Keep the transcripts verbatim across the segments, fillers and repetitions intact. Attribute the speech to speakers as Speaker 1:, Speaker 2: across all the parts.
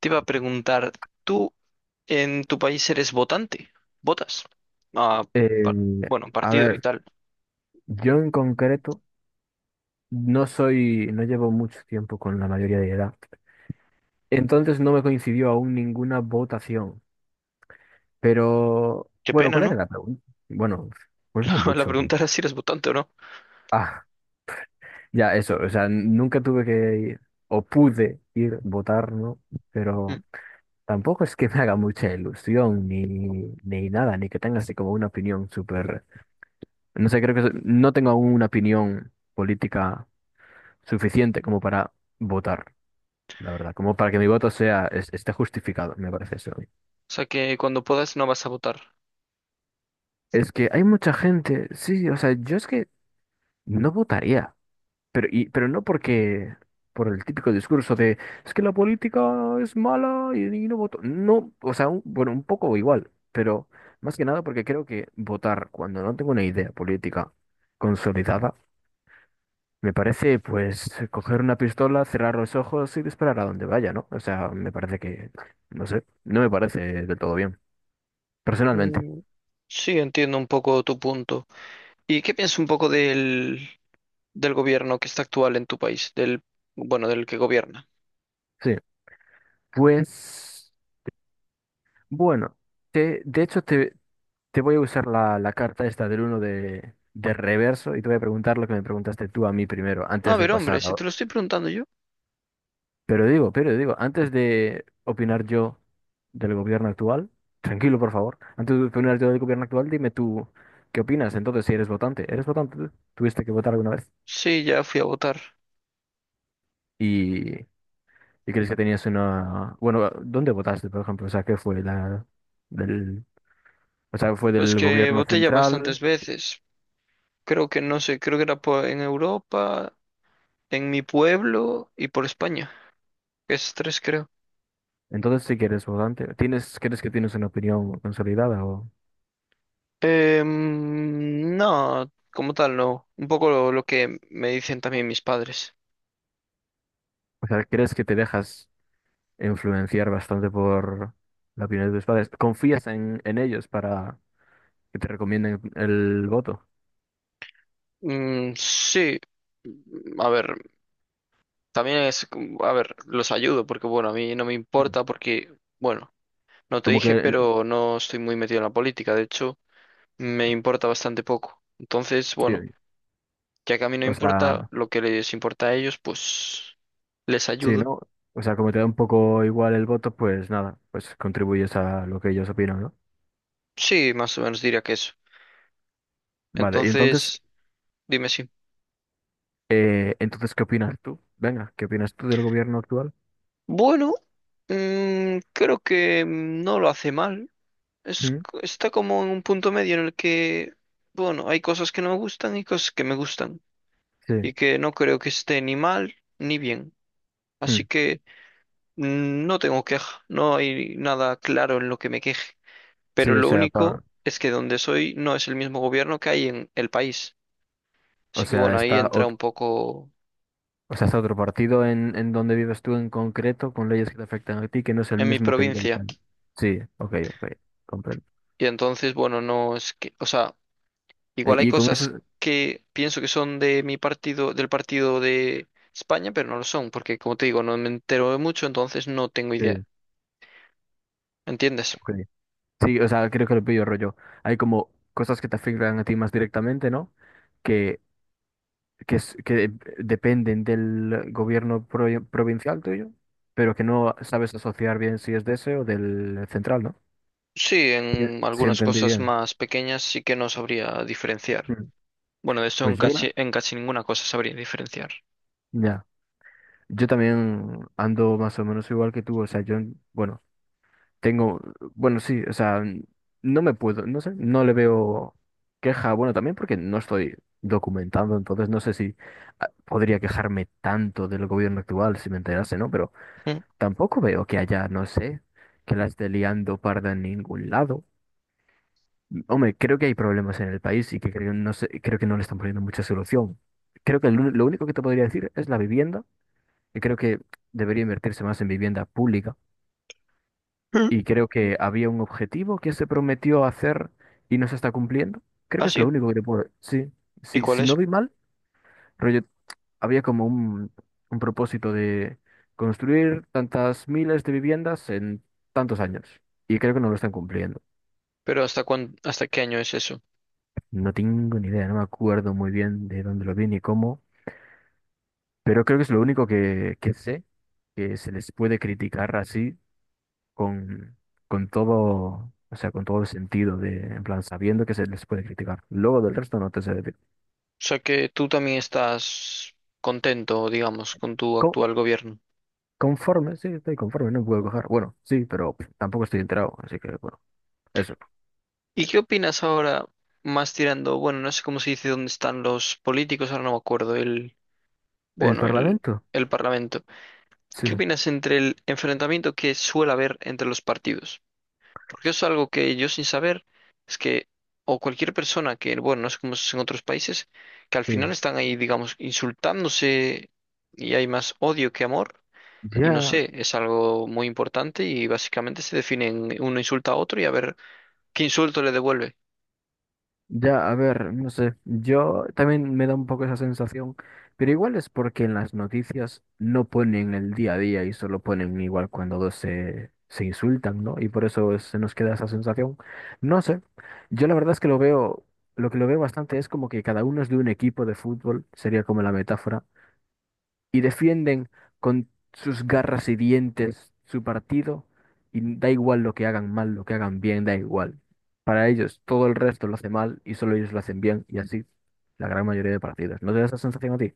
Speaker 1: Te iba a preguntar, ¿tú en tu país eres votante? ¿Votas? Ah,
Speaker 2: Eh,
Speaker 1: par- bueno,
Speaker 2: a
Speaker 1: partido y
Speaker 2: ver,
Speaker 1: tal.
Speaker 2: yo en concreto no soy, no llevo mucho tiempo con la mayoría de edad. Entonces no me coincidió aún ninguna votación. Pero,
Speaker 1: Qué
Speaker 2: bueno,
Speaker 1: pena,
Speaker 2: ¿cuál era
Speaker 1: ¿no?
Speaker 2: la pregunta? Bueno, pues no
Speaker 1: La
Speaker 2: mucho.
Speaker 1: pregunta era si eres votante o no.
Speaker 2: Ah, ya, eso. O sea, n- nunca tuve que ir, o pude ir votar, ¿no?
Speaker 1: Mm. O
Speaker 2: Pero tampoco es que me haga mucha ilusión, ni, ni nada, ni que tenga así como una opinión súper. No sé, creo que so- no tengo aún una opinión política suficiente como para votar, la verdad, como para que mi voto sea, es- esté justificado, me parece eso a mí.
Speaker 1: sea que cuando puedas no vas a votar.
Speaker 2: Es que hay mucha gente, sí, o sea, yo es que no votaría, pero, y, pero no porque, por el típico discurso de, es que la política es mala y, y no voto. No, o sea, un- bueno, un poco igual, pero más que nada porque creo que votar cuando no tengo una idea política consolidada, me parece, pues, coger una pistola, cerrar los ojos y disparar a donde vaya, ¿no? O sea, me parece que, no sé, no me parece del todo bien, personalmente.
Speaker 1: Mm, sí, entiendo un poco tu punto. ¿Y qué piensas un poco del, del gobierno que está actual en tu país? Del, bueno, del que gobierna.
Speaker 2: Sí, pues, bueno, te, de hecho te, te voy a usar la, la carta esta del uno de, de reverso y te voy a preguntar lo que me preguntaste tú a mí primero,
Speaker 1: A
Speaker 2: antes de
Speaker 1: ver, hombre,
Speaker 2: pasar.
Speaker 1: si te lo estoy preguntando yo.
Speaker 2: Pero digo, pero digo, antes de opinar yo del gobierno actual, tranquilo, por favor, antes de opinar yo del gobierno actual, dime tú qué opinas. Entonces, si eres votante, ¿eres votante tú? ¿Tuviste que votar alguna vez?
Speaker 1: Sí, ya fui a votar.
Speaker 2: ¿Y, y crees que tenías una... Bueno, ¿dónde votaste, por ejemplo? O sea, ¿qué fue la... del... O sea, ¿fue
Speaker 1: Pues
Speaker 2: del
Speaker 1: que
Speaker 2: gobierno
Speaker 1: voté ya bastantes
Speaker 2: central?
Speaker 1: veces. Creo que no sé, creo que era po- en Europa, en mi pueblo y por España. Es tres creo.
Speaker 2: Entonces, si eres votante, ¿tienes, crees que tienes una opinión consolidada? O,
Speaker 1: Em, no, como tal, no. Un poco lo, lo que me dicen también mis padres.
Speaker 2: o sea, ¿crees que te dejas influenciar bastante por la opinión de tus padres? ¿Confías en, en ellos para que te recomienden el voto?
Speaker 1: Mm, sí. A ver, también es, como- a ver, los ayudo porque, bueno, a mí no me
Speaker 2: Mm.
Speaker 1: importa porque, bueno, no te
Speaker 2: Como que,
Speaker 1: dije,
Speaker 2: el-
Speaker 1: pero no estoy muy metido en la política. De hecho, me importa bastante poco. Entonces, bueno,
Speaker 2: sí,
Speaker 1: ya que a mí no
Speaker 2: o sea,
Speaker 1: importa lo que les importa a ellos, pues les
Speaker 2: sí,
Speaker 1: ayudo.
Speaker 2: ¿no? O sea, como te da un poco igual el voto, pues nada, pues contribuyes a lo que ellos opinan, ¿no?
Speaker 1: Sí, más o menos diría que eso.
Speaker 2: Vale, y entonces,
Speaker 1: Entonces... Dime si.
Speaker 2: eh, entonces, ¿qué opinas tú? Venga, ¿qué opinas tú del gobierno actual?
Speaker 1: Bueno, mm, creo que mm, no lo hace mal. Es,
Speaker 2: Mm,
Speaker 1: está como en un punto medio en el que, bueno, hay cosas que no me gustan y cosas que me gustan.
Speaker 2: sí,
Speaker 1: Y que no creo que esté ni mal ni bien. Así
Speaker 2: mm,
Speaker 1: que mm, no tengo queja. No hay nada claro en lo que me queje. Pero
Speaker 2: sí, o
Speaker 1: lo
Speaker 2: sea, pa,
Speaker 1: único es que donde soy no es el mismo gobierno que hay en el país.
Speaker 2: o
Speaker 1: Así que
Speaker 2: sea,
Speaker 1: bueno, ahí
Speaker 2: está
Speaker 1: entra
Speaker 2: otro,
Speaker 1: un poco
Speaker 2: o sea, está otro partido en, en donde vives tú en concreto, con leyes que te afectan a ti, que no es el
Speaker 1: en mi
Speaker 2: mismo que el del
Speaker 1: provincia.
Speaker 2: país. Sí, ok, ok, comprendo.
Speaker 1: Y entonces, bueno, no es que, o sea.
Speaker 2: Eh,
Speaker 1: Igual hay
Speaker 2: y con eso,
Speaker 1: cosas que pienso que son de mi partido, del partido de España, pero no lo son, porque como te digo, no me entero de mucho, entonces no tengo
Speaker 2: sí,
Speaker 1: idea. ¿Entiendes?
Speaker 2: ok. Sí, o sea, creo que lo pillo rollo. Hay como cosas que te afectan a ti más directamente, ¿no? Que, que, es- que dependen del gobierno pro- provincial tuyo, pero que no sabes asociar bien si es de ese o del central, ¿no?
Speaker 1: Sí,
Speaker 2: Sí,
Speaker 1: en
Speaker 2: sí,
Speaker 1: algunas
Speaker 2: entendí
Speaker 1: cosas
Speaker 2: bien.
Speaker 1: más pequeñas sí que no sabría diferenciar.
Speaker 2: Mm.
Speaker 1: Bueno, de eso en
Speaker 2: Pues yo, creo-
Speaker 1: casi, en casi ninguna cosa sabría diferenciar.
Speaker 2: ya. Yo también ando más o menos igual que tú. O sea, yo, bueno, tengo, bueno, sí, o sea, no me puedo, no sé, no le veo queja, bueno, también porque no estoy documentando, entonces no sé si ah, podría quejarme tanto del gobierno actual si me enterase, ¿no? Pero
Speaker 1: Mm.
Speaker 2: tampoco veo que haya, no sé, que la esté liando parda en ningún lado. Hombre, creo que hay problemas en el país y que creo, no sé, creo que no le están poniendo mucha solución. Creo que lo, lo único que te podría decir es la vivienda, y creo que debería invertirse más en vivienda pública.
Speaker 1: Mm.
Speaker 2: Y creo que había un objetivo que se prometió hacer y no se está cumpliendo. Creo
Speaker 1: Ah,
Speaker 2: que es lo
Speaker 1: sí.
Speaker 2: único que te puedo... Sí,
Speaker 1: ¿Y
Speaker 2: sí,
Speaker 1: cuál
Speaker 2: si no
Speaker 1: es?
Speaker 2: vi mal, rollo, había como un, un propósito de construir tantas miles de viviendas en tantos años. Y creo que no lo están cumpliendo.
Speaker 1: Pero ¿hasta cuán, ¿hasta qué año es eso? O
Speaker 2: No tengo ni idea, no me acuerdo muy bien de dónde lo vi ni cómo, pero creo que es lo único que, que sé que se les puede criticar así con, con todo, o sea, con todo el sentido de, en plan, sabiendo que se les puede criticar. Luego del resto no te sé decir.
Speaker 1: sea que tú también estás contento, digamos, con tu
Speaker 2: Co-
Speaker 1: actual gobierno.
Speaker 2: conforme, sí, estoy conforme, no puedo coger. Bueno, sí, pero tampoco estoy enterado, así que bueno, eso.
Speaker 1: ¿Y qué opinas ahora más tirando, bueno, no sé cómo se dice dónde están los políticos, ahora no me acuerdo, el,
Speaker 2: El
Speaker 1: bueno, el,
Speaker 2: Parlamento,
Speaker 1: el Parlamento.
Speaker 2: sí,
Speaker 1: ¿Qué opinas entre el enfrentamiento que suele haber entre los partidos? Porque eso es algo que yo sin saber es que, o cualquier persona que, bueno, no sé cómo es en otros países, que al
Speaker 2: sí.
Speaker 1: final están ahí, digamos, insultándose y hay más odio que amor. Y no
Speaker 2: Ya.
Speaker 1: sé, es algo muy importante y básicamente se definen, uno insulta a otro y a ver qué insulto le devuelve.
Speaker 2: Ya, a ver, no sé, yo también me da un poco esa sensación, pero igual es porque en las noticias no ponen el día a día y solo ponen igual cuando dos se, se insultan, ¿no? Y por eso es- se nos queda esa sensación. No sé, yo la verdad es que lo veo, lo que lo veo bastante es como que cada uno es de un equipo de fútbol, sería como la metáfora, y defienden con sus garras y dientes su partido y da igual lo que hagan mal, lo que hagan bien, da igual. Para ellos todo el resto lo hace mal y solo ellos lo hacen bien y así la gran mayoría de partidos. ¿No te da esa sensación a ti?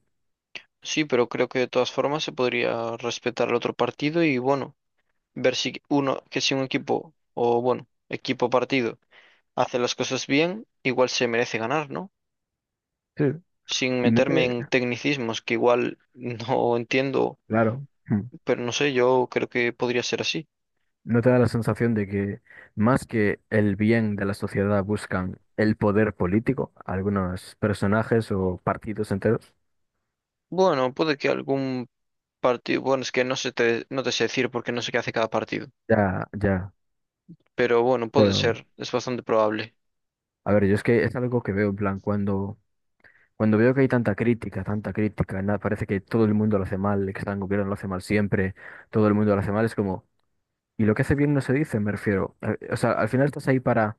Speaker 1: Sí, pero creo que de todas formas se podría respetar al otro partido y bueno, ver si uno, que si un equipo, o bueno, equipo partido, hace las cosas bien, igual se merece ganar, ¿no?
Speaker 2: Sí.
Speaker 1: Sin
Speaker 2: Y no te,
Speaker 1: meterme en tecnicismos que igual no entiendo,
Speaker 2: claro, hmm,
Speaker 1: pero no sé, yo creo que podría ser así.
Speaker 2: no te da la sensación de que más que el bien de la sociedad buscan el poder político, algunos personajes o partidos enteros.
Speaker 1: Bueno, puede que algún partido, bueno, es que no sé te, no te sé decir porque no sé qué hace cada partido,
Speaker 2: Ya, ya.
Speaker 1: pero bueno, puede
Speaker 2: Pero,
Speaker 1: ser, es bastante probable.
Speaker 2: a ver, yo es que es algo que veo en plan cuando Cuando veo que hay tanta crítica, tanta crítica, nada, parece que todo el mundo lo hace mal, que está en gobierno lo hace mal siempre, todo el mundo lo hace mal, es como, ¿y lo que hace bien no se dice? Me refiero. Eh, O sea, al final estás ahí para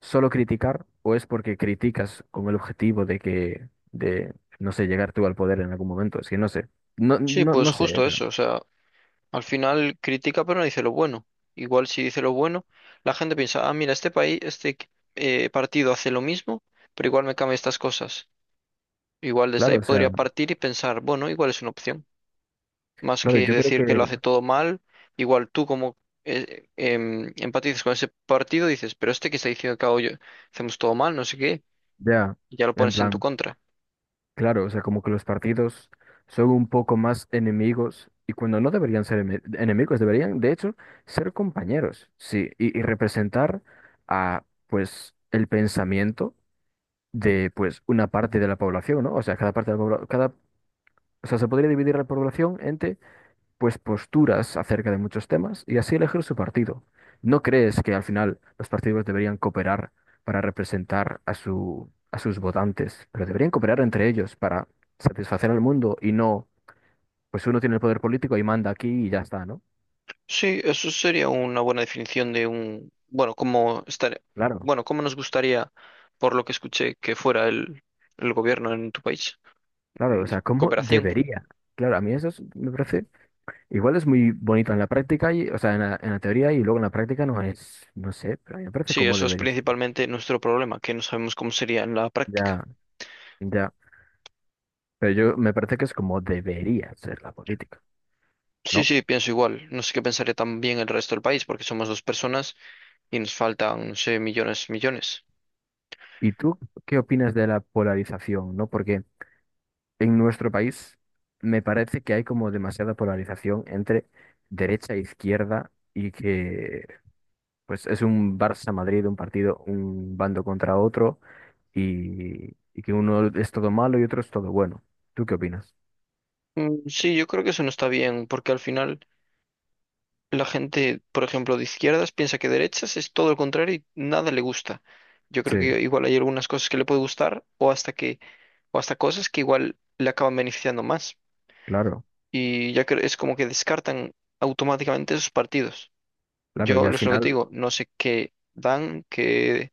Speaker 2: solo criticar o es porque criticas con el objetivo de que, de, no sé, llegar tú al poder en algún momento, es que no sé, no,
Speaker 1: Sí,
Speaker 2: no,
Speaker 1: pues
Speaker 2: no sé, eh,
Speaker 1: justo
Speaker 2: pero
Speaker 1: eso, o sea, al final critica pero no dice lo bueno. Igual si dice lo bueno, la gente piensa, ah, mira, este país, este eh, partido hace lo mismo, pero igual me cambia estas cosas. Igual desde ahí
Speaker 2: claro, o
Speaker 1: podría
Speaker 2: sea,
Speaker 1: partir y pensar, bueno, igual es una opción. Más
Speaker 2: claro,
Speaker 1: que
Speaker 2: yo creo
Speaker 1: decir
Speaker 2: que
Speaker 1: que lo hace todo mal, igual tú como eh, em, empatizas con ese partido, dices, pero este que está diciendo que hago yo, hacemos todo mal, no sé qué,
Speaker 2: ya,
Speaker 1: y ya lo
Speaker 2: en
Speaker 1: pones en tu
Speaker 2: plan...
Speaker 1: contra.
Speaker 2: Claro, o sea, como que los partidos son un poco más enemigos y cuando no deberían ser eme- enemigos, deberían de hecho ser compañeros, sí, y, y representar a pues el pensamiento de pues una parte de la población, ¿no? O sea, cada parte de la población, cada, o sea, se podría dividir la población pues posturas acerca de muchos temas y así elegir su partido. ¿No crees que al final los partidos deberían cooperar para representar a su, a sus votantes, pero deberían cooperar entre ellos para satisfacer al mundo y no, pues uno tiene el poder político y manda aquí y ya está, ¿no?
Speaker 1: Sí, eso sería una buena definición de un, bueno, cómo estar,
Speaker 2: Claro,
Speaker 1: bueno, cómo nos gustaría, por lo que escuché, que fuera el, el gobierno en tu país.
Speaker 2: claro,
Speaker 1: Mm,
Speaker 2: o sea, ¿cómo
Speaker 1: cooperación.
Speaker 2: debería? Claro, a mí eso es- me parece, igual es muy bonito en la práctica, y, o sea, en la, en la teoría y luego en la práctica no es, no sé, pero a mí me parece
Speaker 1: Sí,
Speaker 2: cómo
Speaker 1: eso es
Speaker 2: debería serlo.
Speaker 1: principalmente nuestro problema, que no sabemos cómo sería en la práctica.
Speaker 2: Ya, ya. Pero yo me parece que es como debería ser la política,
Speaker 1: Sí,
Speaker 2: ¿no?
Speaker 1: sí, pienso igual. No sé qué pensaría también el resto del país, porque somos dos personas y nos faltan, no sé, millones, millones.
Speaker 2: ¿Y tú qué opinas de la polarización, ¿no? Porque en nuestro país me parece que hay como demasiada polarización entre derecha e izquierda y que pues es un Barça-Madrid, un partido, un bando contra otro y, y que uno es todo malo y otro es todo bueno. ¿Tú qué opinas?
Speaker 1: Mm, sí, yo creo que eso no está bien, porque al final la gente, por ejemplo, de izquierdas piensa que derechas es todo lo contrario y nada le gusta. Yo creo
Speaker 2: Sí,
Speaker 1: que igual hay algunas cosas que le puede gustar o hasta que, o hasta cosas que igual le acaban beneficiando más.
Speaker 2: claro,
Speaker 1: Y ya que es como que descartan automáticamente esos partidos.
Speaker 2: claro. Y
Speaker 1: Yo
Speaker 2: al
Speaker 1: es lo que te
Speaker 2: final,
Speaker 1: digo, no sé qué dan, qué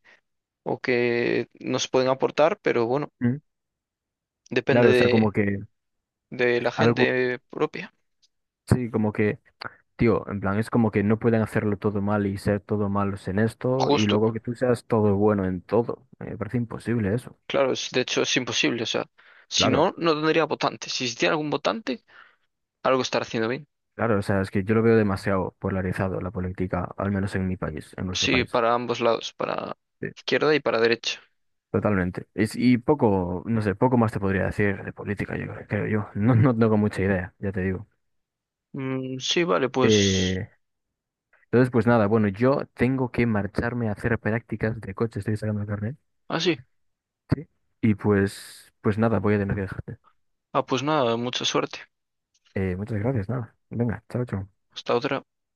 Speaker 1: o qué nos pueden aportar, pero bueno,
Speaker 2: mm,
Speaker 1: depende
Speaker 2: claro, o sea, como
Speaker 1: de,
Speaker 2: que
Speaker 1: de la
Speaker 2: algo,
Speaker 1: gente propia.
Speaker 2: sí, como que tío, en plan, es como que no pueden hacerlo todo mal y ser todo malos en esto y
Speaker 1: Justo.
Speaker 2: luego que tú seas todo bueno en todo. Eh, Me parece imposible eso.
Speaker 1: Claro, es- de hecho es imposible, o sea, si
Speaker 2: Claro,
Speaker 1: no, no tendría votantes. Si existiera algún votante, algo estará haciendo bien.
Speaker 2: claro, o sea, es que yo lo veo demasiado polarizado la política, al menos en mi país, en nuestro
Speaker 1: Sí,
Speaker 2: país.
Speaker 1: para ambos lados, para
Speaker 2: Sí.
Speaker 1: izquierda y para derecha.
Speaker 2: Totalmente. Es- y poco, no sé, poco más te podría decir de política, yo creo, creo yo. No, no tengo mucha idea, ya te digo.
Speaker 1: Mm, sí, vale, pues...
Speaker 2: Eh, entonces, pues nada, bueno, yo tengo que marcharme a hacer prácticas de coche, estoy sacando el carnet.
Speaker 1: Ah, sí.
Speaker 2: Sí. Y pues, pues nada, voy a tener que dejar.
Speaker 1: Ah, pues nada, mucha suerte.
Speaker 2: Eh, muchas gracias, nada. Venga, chao, chao.
Speaker 1: Hasta otra.